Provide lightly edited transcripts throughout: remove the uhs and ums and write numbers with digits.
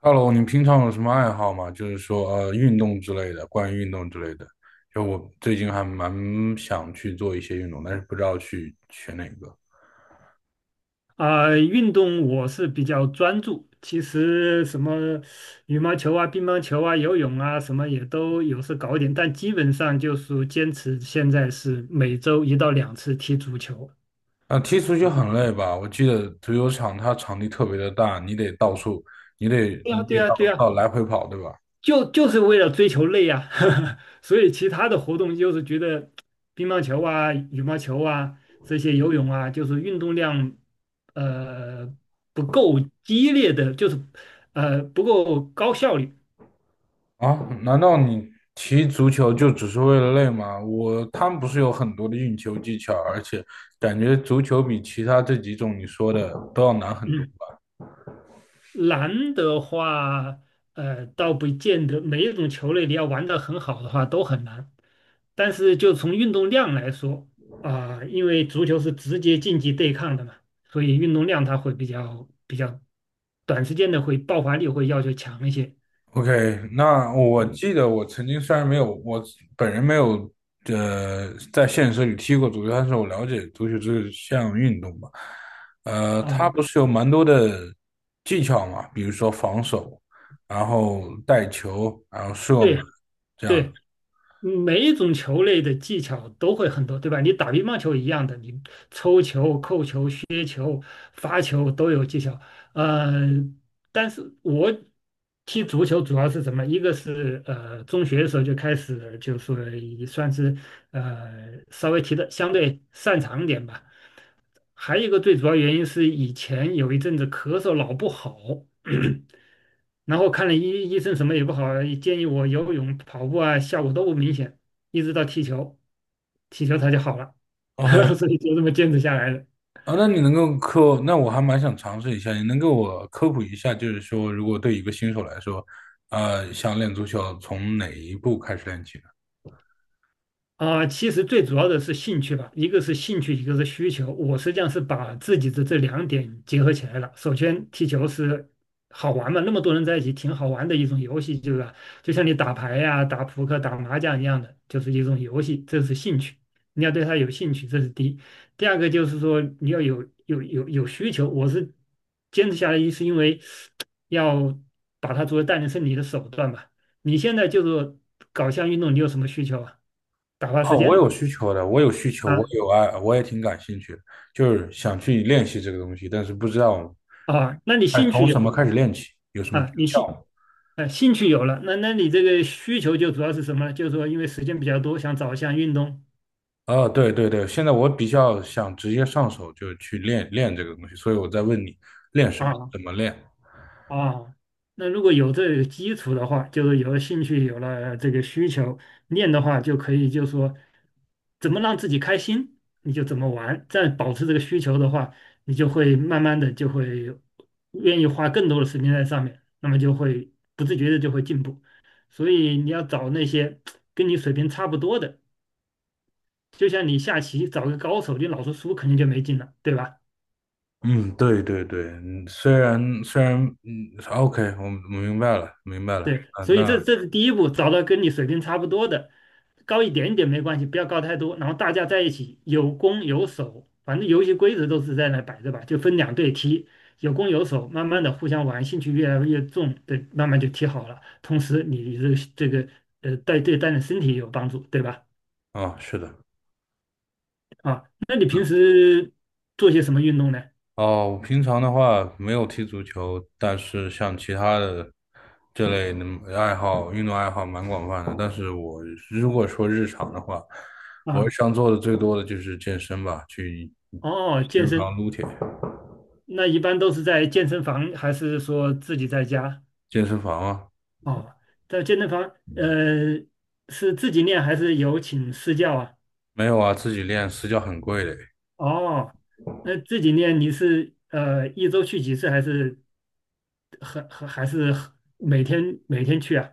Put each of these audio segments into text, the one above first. Hello，你平常有什么爱好吗？就是说，运动之类的，关于运动之类的。就我最近还蛮想去做一些运动，但是不知道去选哪个。啊、运动我是比较专注，其实什么羽毛球啊、乒乓球啊、游泳啊，什么也都有时搞一点，但基本上就是坚持现在是每周一到两次踢足球。啊，踢足球很累吧？我记得足球场它场地特别的大，你得到处，你得对你呀，对得呀，到对呀，到来回跑，对吧？就是为了追求累呀、所以其他的活动就是觉得乒乓球啊、羽毛球啊这些游泳啊，就是运动量呃不够激烈的，就是不够高效率。啊，难道你踢足球就只是为了累吗？他们不是有很多的运球技巧，而且感觉足球比其他这几种你说的都要难很多。嗯，难的话，倒不见得每一种球类你要玩得很好的话都很难，但是就从运动量来说啊，因为足球是直接竞技对抗的嘛，所以运动量它会比较短时间的会爆发力会要求强一些。OK，那我记得我曾经虽然没有我本人没有在现实里踢过足球，但是我了解足球这项运动吧。它啊，不是有蛮多的技巧嘛，比如说防守，然后带球，然后射门对这样的。对，每一种球类的技巧都会很多，对吧？你打乒乓球一样的，你抽球、扣球、发球都有技巧。呃，但是我踢足球主要是什么？一个是中学的时候就开始，就是也算是稍微踢的相对擅长一点吧。还有一个最主要原因是以前有一阵子咳嗽老不好，然后看了医生什么也不好，建议我游泳、跑步啊，效果都不明显，一直到踢球，踢球它就好了，OK，所以就这么坚持下来了。啊，那你能够科，那我还蛮想尝试一下，你能给我科普一下，就是说如果对一个新手来说，想练足球从哪一步开始练起？啊，其实最主要的是兴趣吧，一个是兴趣，一个是需求。我实际上是把自己的这两点结合起来了。首先，踢球是好玩嘛，那么多人在一起，挺好玩的一种游戏，对吧？就像你打牌呀、打扑克、打麻将一样的，就是一种游戏，这是兴趣。你要对它有兴趣，这是第一。第二个就是说，你要有需求。我是坚持下来，一是因为 要把它作为锻炼身体的手段吧。你现在就是搞项运动，你有什么需求啊？打发哦，时我有间需求的，我有需求，我啊。有爱，我也挺感兴趣的，就是想去练习这个东西，但是不知道啊，那你哎兴趣从有什么了。开始练起，有什么诀啊，你兴窍吗？呃兴趣有了，那你这个需求就主要是什么呢？就是说因为时间比较多，想找一项运动哦，对对对，现在我比较想直接上手就去练练这个东西，所以我在问你练什么，啊。怎么练？啊，那如果有这个基础的话，就是有了兴趣，有了这个需求，练的话就可以，就说怎么让自己开心，你就怎么玩。再保持这个需求的话，你就会慢慢的就会愿意花更多的时间在上面，那么就会不自觉的就会进步。所以你要找那些跟你水平差不多的，就像你下棋找个高手，你老是输肯定就没劲了，对吧？嗯，对对对，嗯虽然虽然嗯，OK，我明白了，明白了，对，啊，所以这这是第一步，找到跟你水平差不多的，高一点点没关系，不要高太多。然后大家在一起有攻有守，反正游戏规则都是在那摆着吧，就分两队踢，有攻有守，慢慢的互相玩，兴趣越来越重，对，慢慢就踢好了。同时你这个带对锻炼身体也有帮助，对吧？啊，是的。啊，那你平时做些什么运动呢？哦，我平常的话没有踢足球，但是像其他的这类的爱好，运动爱好蛮广泛的。但是如果说日常的话，我日啊，常做的最多的就是健身吧，去哦，健健身身，房撸铁。那一般都是在健身房，还是说自己在家？健身房啊，哦，在健身房，呃，是自己练还是有请私教啊？没有啊，自己练私教很贵的，哦，那自己练你是一周去几次，还是很还还是很每天去啊？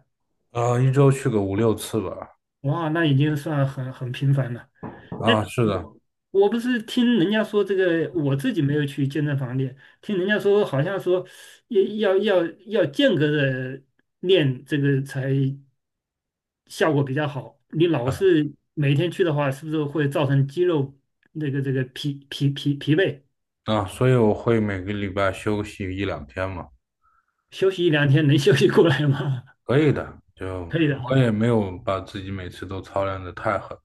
啊，一周去个五六次吧。哇，那已经算很频繁了。啊，哎，是的，我不是听人家说这个，我自己没有去健身房练，听人家说好像说要间隔着练这个才效果比较好。你老啊是每天去的话，是不是会造成肌肉那个这个疲惫？啊，所以我会每个礼拜休息一两天嘛，休息一两天能 休息过来吗？可以的。就 可以的我也啊。没有把自己每次都操练的太狠。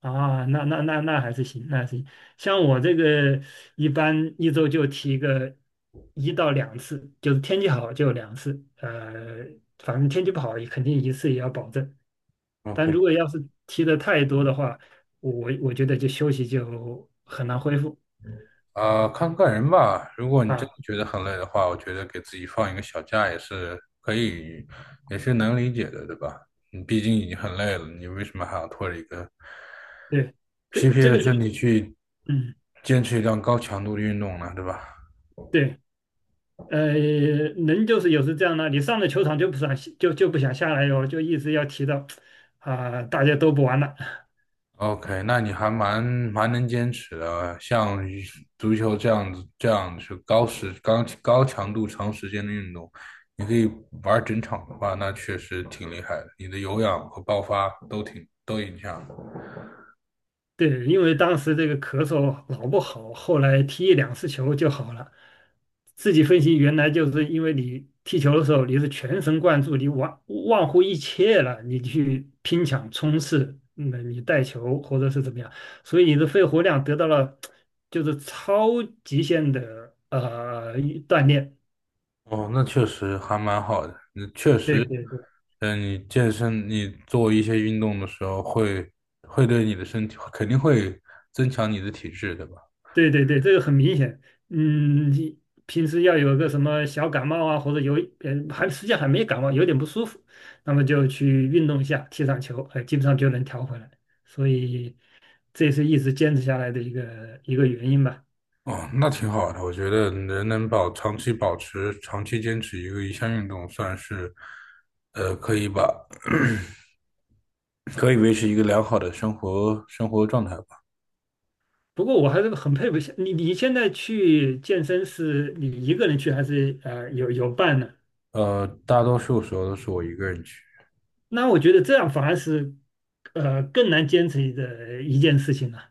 啊，那还是行，那还是行。像我这个一般一周就提个一到两次，就是天气好就两次，反正天气不好也肯定一次也要保证。但如 OK。果要是提的太多的话，我觉得就休息就很难恢复啊，看个人吧。如果你真啊。的觉得很累的话，我觉得给自己放一个小假也是可以，也是能理解的，对吧？你毕竟已经很累了，你为什么还要拖着一个对，这疲惫这的个就身体去嗯。坚持一段高强度的运动呢？对吧？对，人就是有时这样的，你上了球场就不想下来哟，就一直要提到啊、大家都不玩了。OK，那你还蛮能坚持的，像足球这样子，这样是高强度、长时间的运动，你可以玩整场的话，那确实挺厉害的，你的有氧和爆发都影响。对，因为当时这个咳嗽老不好，后来踢一两次球就好了。自己分析，原来就是因为你踢球的时候你是全神贯注，你忘乎一切了，你去拼抢冲刺，那、你带球或者是怎么样，所以你的肺活量得到了就是超极限的锻炼。哦，那确实还蛮好的，那确对实。对嗯，你健身，你做一些运动的时候会对你的身体肯定会增强你的体质，对吧？对对对，这个很明显。嗯，你平时要有个什么小感冒啊，或者有还实际上还没感冒，有点不舒服，那么就去运动一下，踢场球，哎、基本上就能调回来。所以这也是一直坚持下来的一个原因吧。哦，那挺好的。我觉得人能长期保持、长期坚持一项运动，算是，可以把 可以维持一个良好的生活状态吧。不过我还是很佩服你，你现在去健身是你一个人去还是有伴呢？大多数时候都是我一个人去，那我觉得这样反而是更难坚持的一件事情了、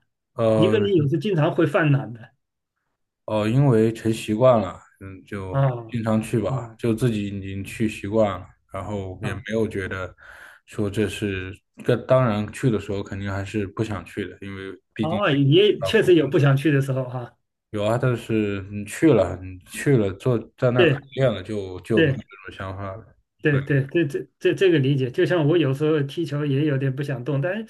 一个呃人有时经常会犯懒的因为成习惯了，嗯，啊。就经常去啊。吧，就自己已经去习惯了，然后也没啊，有觉得说这当然去的时候肯定还是不想去的，因为毕竟哦，是自己去也照确顾。实有不想去的时候哈、有啊，但是你去了，你去了，坐在那儿烤对练了，就没有这对种想法了。所对，以对这个理解。就像我有时候踢球也有点不想动，但是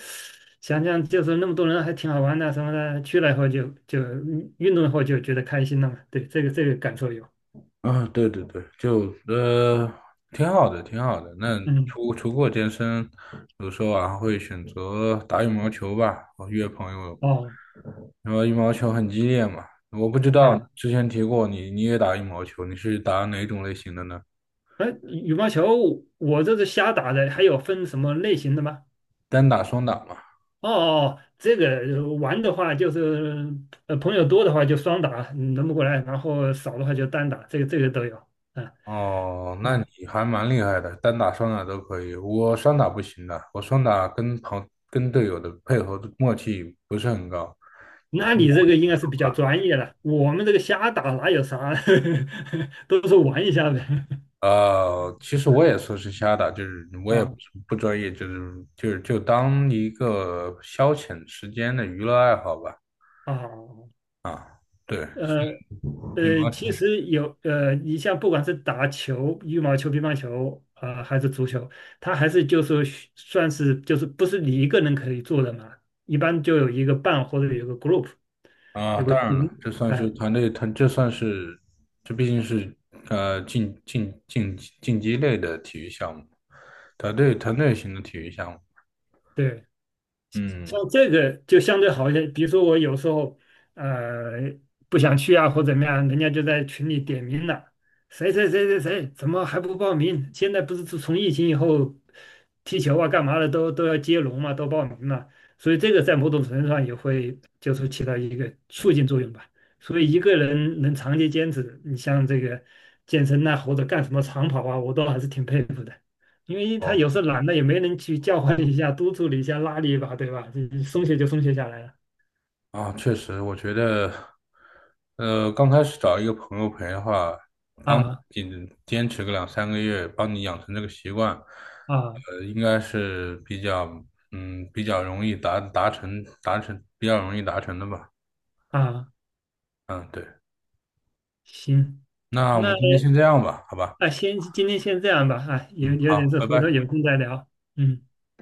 想想就是那么多人还挺好玩的什么的，去了以后就运动以后就觉得开心了嘛。对，这个感受有。啊，对对对，就挺好的，挺好的。那嗯，除过健身，有时候啊会选择打羽毛球吧，我约朋友。哦，然后羽毛球很激烈嘛，我不知道啊，之前提过你，你也打羽毛球，你是打哪种类型的呢？哎，羽毛球我这是瞎打的，还有分什么类型的吗？单打、双打吗？哦哦，哦这个玩的话就是朋友多的话就双打嗯轮不过来，然后少的话就单打，这个都有。啊。哦，那你啊，还蛮厉害的，单打双打都可以。我双打不行的，我双打跟队友的配合的默契不是很高。那你这个应该是比较专业了，我们这个瞎打哪有啥，都是玩一下呗。其实我也说是瞎打，就是我也不啊。是不专业，就是就当一个消遣时间的娱乐爱好吧。啊，啊，对，呃羽毛球。其实有你像不管是打球、羽毛球、乒乓球啊、还是足球，它还是就是需算是就是不是你一个人可以做的嘛，一般就有一个伴或者有一个 group。啊，有个当然了，群，这算是哎，团队，这毕竟是竞技类的体育项目，团队型的体育项目。对，像嗯，这个就相对好一些。比如说我有时候呃不想去啊，或怎么样，人家就在群里点名了，谁谁谁谁谁怎么还不报名？现在不是自从疫情以后，踢球啊干嘛的都要接龙嘛，都报名嘛，所以这个在某种程度上也会就是起到一个促进作用吧。所以一个人能长期坚持，你像这个健身呐、或者干什么长跑啊，我都还是挺佩服的。因为他哦有时候懒了，也没人去叫唤一下、督促你一下、拉你一把，对吧？就松懈下来了。啊，确实，我觉得，刚开始找一个朋友陪的话，帮你啊坚持个两三个月，帮你养成这个习惯，啊应该是比较比较容易达达成达成比较容易达成的吧。啊！嗯，对，行，那我那们今天先这样吧，好吧。啊，今天先这样吧，啊，有嗯，有点好，事，拜回头拜。有空再聊。嗯。